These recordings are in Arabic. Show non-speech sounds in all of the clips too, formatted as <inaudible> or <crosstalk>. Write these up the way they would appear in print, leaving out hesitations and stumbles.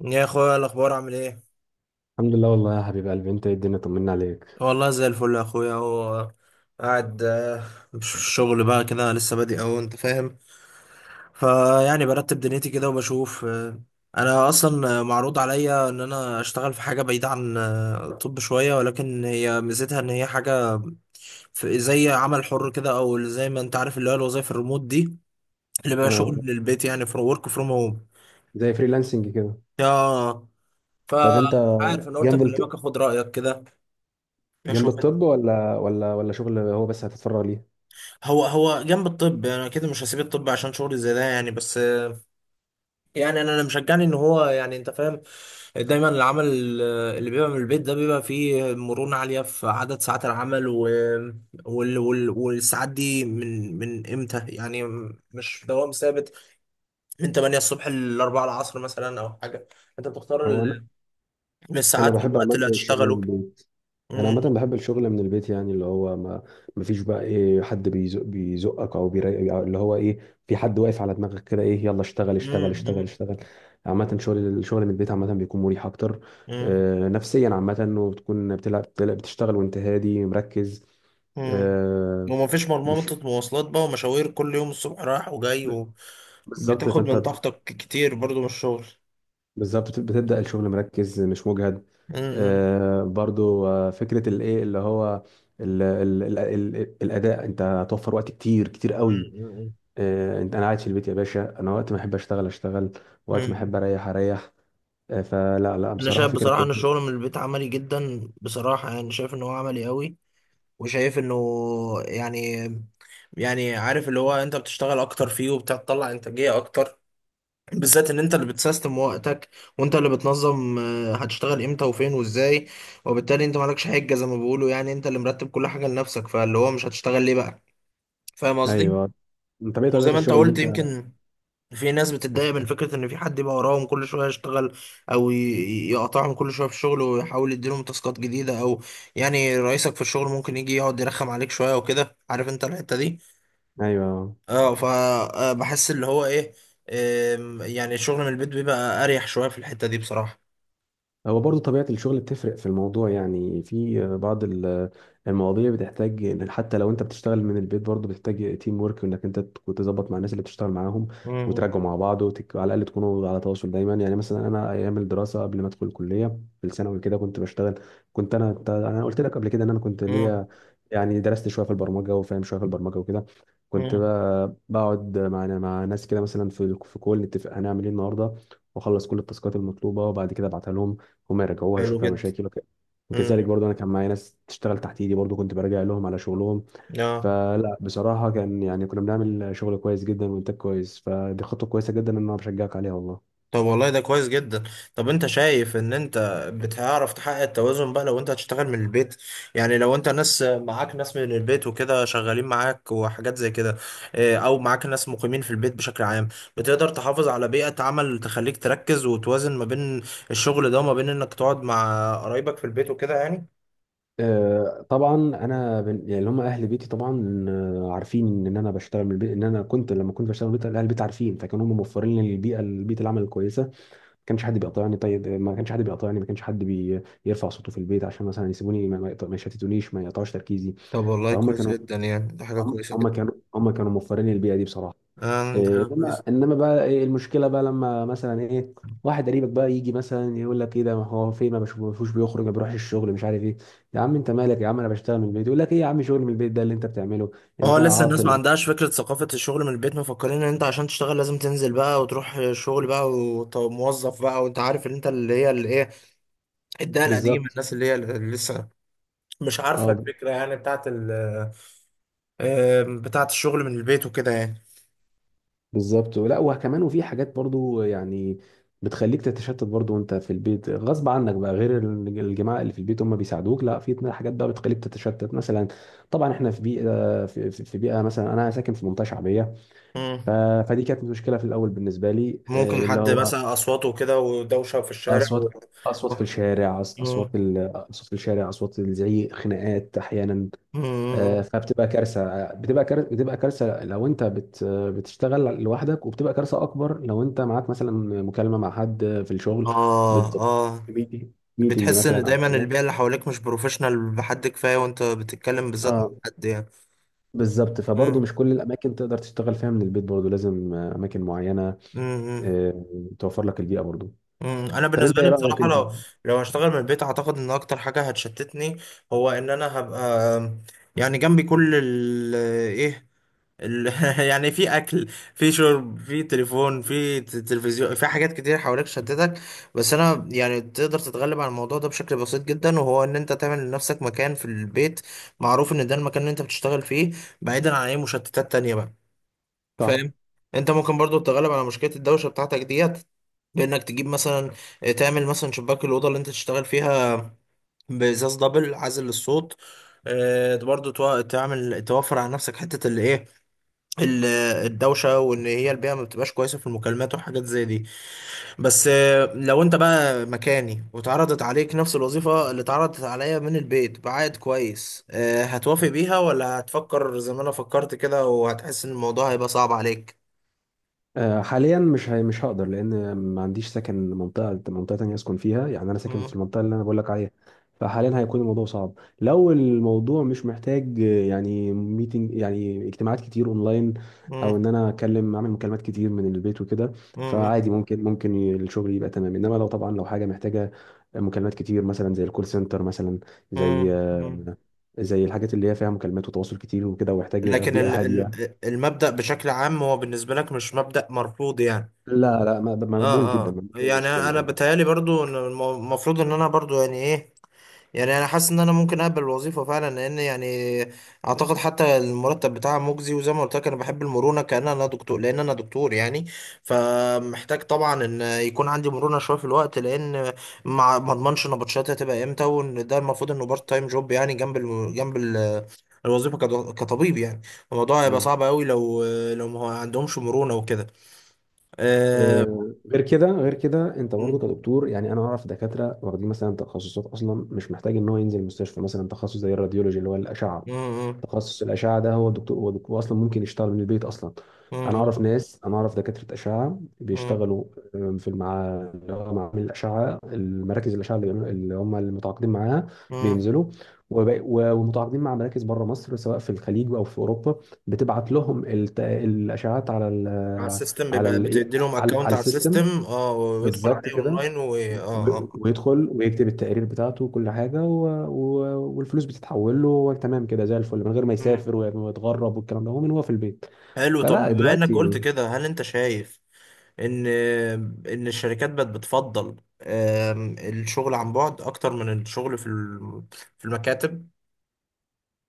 يا اخويا، الاخبار عامل ايه؟ الحمد لله والله يا حبيب قلبي، انت ايه الدنيا، طمنا عليك. والله زي الفل يا اخويا. هو قاعد، مش في الشغل بقى كده، لسه بادئ اهو، انت فاهم. فيعني برتب دنيتي كده وبشوف، انا اصلا معروض عليا ان انا اشتغل في حاجه بعيده عن الطب شويه، ولكن هي ميزتها ان هي حاجه في زي عمل حر كده، او زي ما انت عارف اللي هو الوظايف الريموت دي، اللي بقى شغل اه، من البيت يعني فروم ورك فروم هوم. زي فريلانسنج كده. يا طب فمش انت عارف، انا قلت جنب الط... اكلمك اخد رايك كده جنب اشوف. الطب ولا ولا شغل، هو بس هتتفرغ ليه؟ هو هو جنب الطب، انا كده مش هسيب الطب عشان شغلي زي ده يعني بس. يعني انا مشجعني ان هو، يعني انت فاهم، دايما العمل اللي بيبقى من البيت ده بيبقى فيه مرونة عالية في عدد ساعات العمل والساعات دي من امتى يعني، مش دوام ثابت من 8 الصبح ل 4 العصر مثلا او حاجة. انت بتختار هو انا من انا الساعات بحب والوقت عامه اللي الشغل من هتشتغله. البيت. انا عامه امم. بحب الشغل من البيت، يعني اللي هو ما فيش بقى ايه حد بيزقك او أو اللي هو ايه، في حد واقف على دماغك كده، ايه، يلا اشتغل اشتغل اشتغل امم. اشتغل عامه شغل الشغل من البيت عامه بيكون مريح اكتر، امم. آه، نفسيا عامه، وبتكون بتلعب بتشتغل وانت هادي مركز. امم. آه. ومفيش مش مرمطة مواصلات بقى ومشاوير كل يوم الصبح رايح وجاي، بالظبط. بتاخد من فانت طاقتك كتير برضو من الشغل. بالظبط بتبدأ الشغل مركز مش مجهد. مم. آه، برضو آه، فكرة الايه اللي هو ال ال ال ال الأداء، انت هتوفر وقت كتير قوي. مم. آه، انا قاعد في البيت يا باشا، انا وقت ما احب اشتغل وقت ما مم. احب اريح اريح. آه، لا انا بصراحة شايف فكرة بصراحه ان كويسة. الشغل من البيت عملي جدا بصراحه، يعني شايف ان هو عملي قوي، وشايف انه يعني يعني عارف اللي هو انت بتشتغل اكتر فيه وبتطلع انتاجيه اكتر، بالذات ان انت اللي بتسيستم وقتك وانت اللي بتنظم، هتشتغل امتى وفين وازاي. وبالتالي انت مالكش حجه زي ما بيقولوا، يعني انت اللي مرتب كل حاجه لنفسك فاللي هو مش هتشتغل ليه بقى. فاهم قصدي؟ ايوه. انت ايه طبيعة وزي ما انت الشغل اللي قلت، انت؟ يمكن في ناس بتتضايق من فكرة إن في حد يبقى وراهم كل شوية يشتغل، أو يقطعهم كل شوية في الشغل ويحاول يديلهم تاسكات جديدة، أو يعني رئيسك في الشغل ممكن يجي يقعد يرخم عليك شوية وكده، عارف أنت الحتة دي. ايوه، أه، فبحس اللي هو إيه، يعني الشغل من البيت بيبقى أريح شوية في الحتة دي بصراحة. هو برضه طبيعة الشغل بتفرق في الموضوع، يعني في بعض المواضيع بتحتاج إن حتى لو انت بتشتغل من البيت برضه بتحتاج تيم ورك، وانك انت تكون تظبط مع الناس اللي بتشتغل معاهم مم. وتراجعوا مع بعض على الاقل تكونوا على تواصل دايما. يعني مثلا انا ايام الدراسة قبل ما ادخل الكلية في الثانوي كده كنت بشتغل، انا قلت لك قبل كده ان انا كنت مم. ليا يعني درست شوية في البرمجة وفاهم شوية في البرمجة وكده. كنت مم. بقى بقعد مع ناس كده مثلا في كول، نتفق هنعمل ايه النهارده واخلص كل التاسكات المطلوبه وبعد كده ابعتها لهم، هم يرجعوها يشوف حلو فيها جدا. مشاكل وكذلك مم. برضه انا كان معايا ناس تشتغل تحت ايدي، برضه كنت براجع لهم على شغلهم. آه. بصراحه كان يعني كنا بنعمل شغل كويس جدا وانتاج كويس، فدي خطوه كويسه جدا ان انا بشجعك عليها والله. طب والله ده كويس جدا. طب انت شايف ان انت بتعرف تحقق التوازن بقى لو انت هتشتغل من البيت؟ يعني لو انت ناس معاك، ناس من البيت وكده شغالين معاك وحاجات زي كده، اه، او معاك ناس مقيمين في البيت بشكل عام، بتقدر تحافظ على بيئة عمل تخليك تركز وتوازن ما بين الشغل ده وما بين انك تقعد مع قرايبك في البيت وكده يعني؟ آه، طبعا يعني اللي هم اهل بيتي طبعا، آه، عارفين ان انا بشتغل من البيت، ان انا كنت لما كنت بشتغل من البيت اهل البيت عارفين، فكانوا هم موفرين لي البيئه العمل الكويسه. ما كانش حد بيقاطعني، طيب، ما كانش حد بيقاطعني، ما كانش حد يرفع صوته في البيت، عشان مثلا يسيبوني ما يشتتونيش، ما يقطعوش تركيزي. طب والله فهم كويس كانوا، جدا، يعني ده حاجة هم كويسة هم جدا. كانوا هم كانوا موفرين البيئه دي بصراحه. اه، ده حاجة إيه، انما كويسة. انما بقى إيه المشكله بقى، لما مثلا ايه واحد قريبك بقى يجي مثلا يقول لك ايه ده، ما هو فين، ما بشوفوش بيخرج، ما بيروحش الشغل، مش عارف ايه. يا عم انت مالك، يا عم انا بشتغل من البيت، يقول لك ايه يا عم شغل من البيت ده اللي انت بتعمله، اه، انت لسه الناس ما عاطل. عندهاش فكرة ثقافة الشغل من البيت، مفكرين ان انت عشان تشتغل لازم تنزل بقى وتروح شغل بقى وموظف بقى. وانت عارف ان انت اللي هي اللي ايه، الدقة القديمة، بالظبط. الناس اللي هي اللي لسه مش عارفة اه الفكرة يعني بتاعت ال آه، بتاعت الشغل من البيت وكده يعني. بالظبط، لا وكمان وفي حاجات برضو يعني بتخليك تتشتت برضو وانت في البيت غصب عنك بقى، غير الجماعه اللي في البيت هم بيساعدوك، لا في اتنين حاجات بقى بتخليك تتشتت مثلا، طبعا احنا في بيئه، في بيئه، مثلا انا ساكن في منطقه شعبيه. مم. ف- فدي كانت مشكله في الاول بالنسبه لي، ممكن آه، اللي حد هو مثلا اصواته وكده ودوشة في الشارع اصوات، اصوات مم. اصوات في الشارع، اصوات الزعيق، خناقات احيانا. آه، مم. فبتبقى كارثه، آه، بتبقى كارثه، بتبقى كارثه لو انت بتشتغل لوحدك، وبتبقى كارثه اكبر لو انت معاك مثلا مكالمه مع حد في الشغل، اه، بت... اه، ميتنج، ميتنج بتحس ان مثلا او دايما حاجه. البيئة اللي حواليك مش بروفيشنال بحد كفاية وانت بتتكلم بالذات مع اه حد بالظبط، فبرضه يعني. مش كل الاماكن تقدر تشتغل فيها من البيت، برضه لازم آه، اماكن معينه، امم. آه، توفر لك البيئه برضه. امم. انا طب انت بالنسبه ايه لي رايك بصراحه، انت؟ لو هشتغل من البيت، اعتقد ان اكتر حاجه هتشتتني هو ان انا هبقى يعني جنبي كل ال ايه ال <laughs> يعني في اكل، في شرب، في تليفون، في تلفزيون، في حاجات كتير حواليك تشتتك. بس انا يعني تقدر تتغلب على الموضوع ده بشكل بسيط جدا، وهو ان انت تعمل لنفسك مكان في البيت معروف ان ده المكان اللي انت بتشتغل فيه، بعيدا عن اي مشتتات تانية بقى. صح، فاهم؟ انت ممكن برضو تتغلب على مشكله الدوشه بتاعتك ديت بانك تجيب مثلا، تعمل مثلا شباك الاوضه اللي انت تشتغل فيها بازاز دبل عازل للصوت. برضو تعمل توفر على نفسك حته اللي ايه، ال- الدوشه، وان هي البيئه ما بتبقاش كويسه في المكالمات وحاجات زي دي. بس لو انت بقى مكاني واتعرضت عليك نفس الوظيفه اللي اتعرضت عليا من البيت بعائد كويس، هتوافق بيها ولا هتفكر زي ما انا فكرت كده وهتحس ان الموضوع هيبقى صعب عليك؟ آه، حاليا مش هقدر، لان ما عنديش سكن منطقه، منطقه تانية اسكن فيها، يعني انا ساكن في المنطقه اللي انا بقول لك عليها، فحاليا هيكون الموضوع صعب. لو الموضوع مش محتاج آه، يعني ميتنج، يعني اجتماعات كتير اونلاين، او مم. ان انا اكلم، اعمل مكالمات كتير من البيت وكده، مم. فعادي، ممكن الشغل يبقى تمام، انما لو طبعا لو حاجه محتاجه مكالمات كتير مثلا زي الكول سنتر مثلا، مم. زي مم. آه، زي الحاجات اللي هي فيها مكالمات وتواصل كتير وكده ويحتاج لكن بيئه هاديه. المبدأ بشكل عام هو بالنسبة لك مش مبدأ مرفوض يعني. لا لا ما- مقبول اه، جدا اه، ما فيش أي يعني مشكله انا آه. بتهيالي برضو ان المفروض ان انا برضو يعني ايه، يعني انا حاسس ان انا ممكن اقبل الوظيفه فعلا، لان يعني اعتقد حتى المرتب بتاعها مجزي، وزي ما قلت لك انا بحب المرونه كأن انا دكتور، لان انا دكتور يعني. فمحتاج طبعا ان يكون عندي مرونه شويه في الوقت، لان مع ما اضمنش نبطشاتي هتبقى امتى، وان ده المفروض انه بارت تايم جوب يعني جنب الوظيفه كطبيب يعني. الموضوع هيبقى بالظبط. صعب قوي لو ما هو عندهمش مرونه وكده. أه... آه، غير كده، غير كده انت برضه م- كدكتور، يعني انا اعرف دكاتره واخدين مثلا تخصصات اصلا مش محتاج ان هو ينزل المستشفى، مثلا تخصص زي الراديولوجي اللي هو الاشعه، م- تخصص الاشعه ده هو دكتور، هو دكتور اصلا ممكن يشتغل من البيت اصلا. انا م- اعرف ناس، انا اعرف دكاتره اشعه م- م- بيشتغلوا آه، في مع اللي هو معامل الاشعه، المراكز الاشعه اللي بيعملوا اللي هم المتعاقدين معاها، م- بينزلوا ومتعاقدين مع مراكز بره مصر، سواء في الخليج او في اوروبا، بتبعت لهم الاشعات على على ال- السيستم على بيبقى ال بتدي لهم على اكونت على على السيستم. السيستم ويدخل بالظبط عليه كده. اونلاين و اه اه ويدخل ويكتب التقرير بتاعته وكل حاجه والفلوس بتتحول له، هو تمام كده زي الفل من غير ما مم. يسافر ويتغرب والكلام ده، هو من هو في البيت. حلو. طب فلا بما انك قلت دلوقتي كده، هل انت شايف ان ان الشركات بقت بتفضل، الشغل عن بعد اكتر من الشغل في المكاتب؟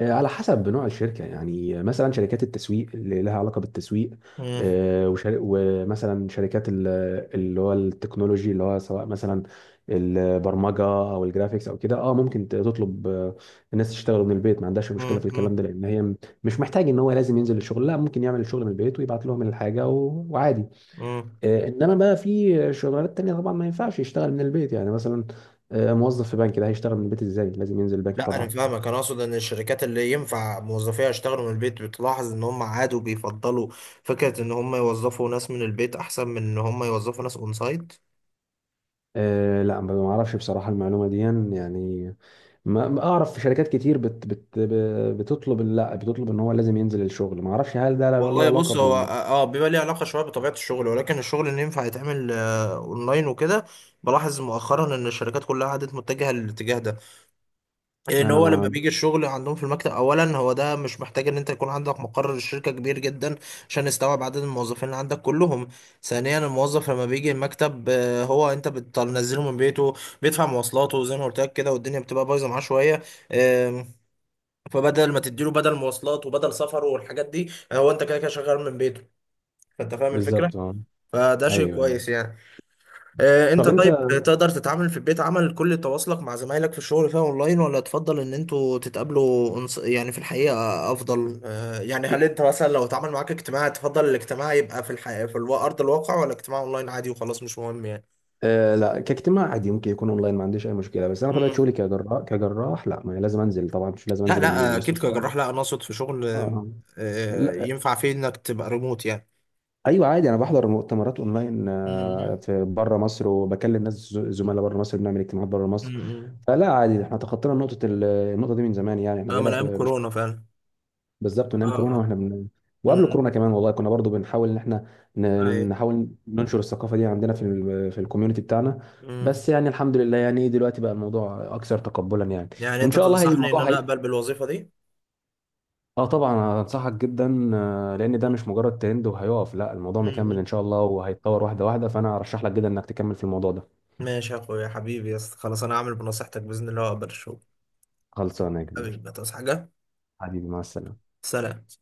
آه، على حسب نوع الشركة، يعني مثلا شركات التسويق اللي لها علاقة بالتسويق، مم. آه، وشر- ومثلا شركات اللي هو التكنولوجي، اللي هو سواء مثلا البرمجة أو الجرافيكس أو كده، اه ممكن تطلب آه، الناس تشتغل من البيت، ما عندهاش مشكلة مم. في الكلام مم. ده، لأن هي مش محتاج إن هو لازم ينزل الشغل، لا ممكن يعمل الشغل من البيت ويبعت لهم الحاجة وعادي. مم. آه، إنما بقى في شغلانات تانية طبعا ما ينفعش يشتغل من البيت، يعني مثلا آه، موظف في بنك، ده هيشتغل من البيت ازاي؟ لازم ينزل البنك لا انا طبعا. فاهمك، انا اقصد ان الشركات اللي ينفع موظفيها يشتغلوا من البيت، بتلاحظ ان هم عادوا بيفضلوا فكرة ان هم يوظفوا ناس من البيت احسن من ان هم يوظفوا ناس اون سايت؟ أه لا ما اعرفش بصراحه المعلومه دي، يعني ما ما اعرف في شركات كتير بتطلب، لا بتطلب ان هو لازم ينزل الشغل، ما اعرفش هل ده له والله علاقه بص، هو اه، بال. بيبقى ليه علاقة شوية بطبيعة الشغل، ولكن الشغل اللي ينفع يتعمل اونلاين وكده، بلاحظ مؤخرا ان الشركات كلها عادت متجهة للاتجاه ده، لان انا هو لما ما، بيجي الشغل عندهم في المكتب اولا، هو ده مش محتاج ان انت يكون عندك مقر الشركة كبير جدا عشان يستوعب عدد الموظفين اللي عندك كلهم. ثانيا، الموظف لما بيجي المكتب، هو انت بتنزله من بيته، بيدفع مواصلاته زي ما قلت لك كده، والدنيا بتبقى بايظة معاه شوية، آم، فبدل ما تديله بدل مواصلات وبدل سفره والحاجات دي، هو انت كده كده شغال من بيته. فانت فاهم الفكره، بالظبط. اه. فده شيء ايوه، أيوة. كويس يعني. انت طب انت. طيب تقدر تتعامل في البيت، عمل كل تواصلك مع زمايلك في الشغل فيها اونلاين، ولا تفضل ان انتوا تتقابلوا، يعني في الحقيقه، افضل، يعني، هل انت مثلا لو اتعامل معاك اجتماع، تفضل الاجتماع يبقى في الحقيقه ارض الواقع، ولا اجتماع اونلاين عادي وخلاص مش مهم يعني؟ آه لا كاجتماع عادي ممكن يكون اونلاين، ما عنديش اي مشكله، بس انا طبيعه مم. شغلي كجراح، لا، ما لازم انزل طبعا، مش لازم لا، انزل لا اكيد المستشفى اه. كجراح، لا انا اقصد في شغل، آه. لا. ينفع فيه انك تبقى ريموت يعني. ايوه عادي، انا بحضر مؤتمرات اونلاين آه، امم. في بره مصر، وبكلم ناس زملاء بره مصر، بنعمل اجتماعات بره مصر. امم. فلا عادي احنا تخطينا نقطة النقطة دي من زمان، يعني احنا ده بقينا من ايام مش كورونا فعلا. بالظبط، من اه. ايام كورونا اه. واحنا وقبل امم. كورونا كمان والله كنا برضو بنحاول ان احنا ايوه. نحاول ننشر الثقافة دي عندنا في في الكوميونتي بتاعنا، مم. بس يعني الحمد لله يعني دلوقتي بقى الموضوع اكثر تقبلا يعني. يعني وان انت شاء الله تنصحني ان انا اقبل بالوظيفة دي؟ اه طبعا انصحك جدا آه، لان ده مم. مش مجرد ترند وهيقف، لا الموضوع مكمل ان مم. شاء الله وهيتطور واحدة واحدة، فانا ارشح لك جدا انك تكمل في الموضوع ده. ماشي يا اخويا حبيبي، يا اسطى، خلاص انا هعمل بنصيحتك باذن الله واقبل الشغل. خلصانة يا حبيبي كبير. ما تصحى حاجة. حبيبي مع السلامة. سلام.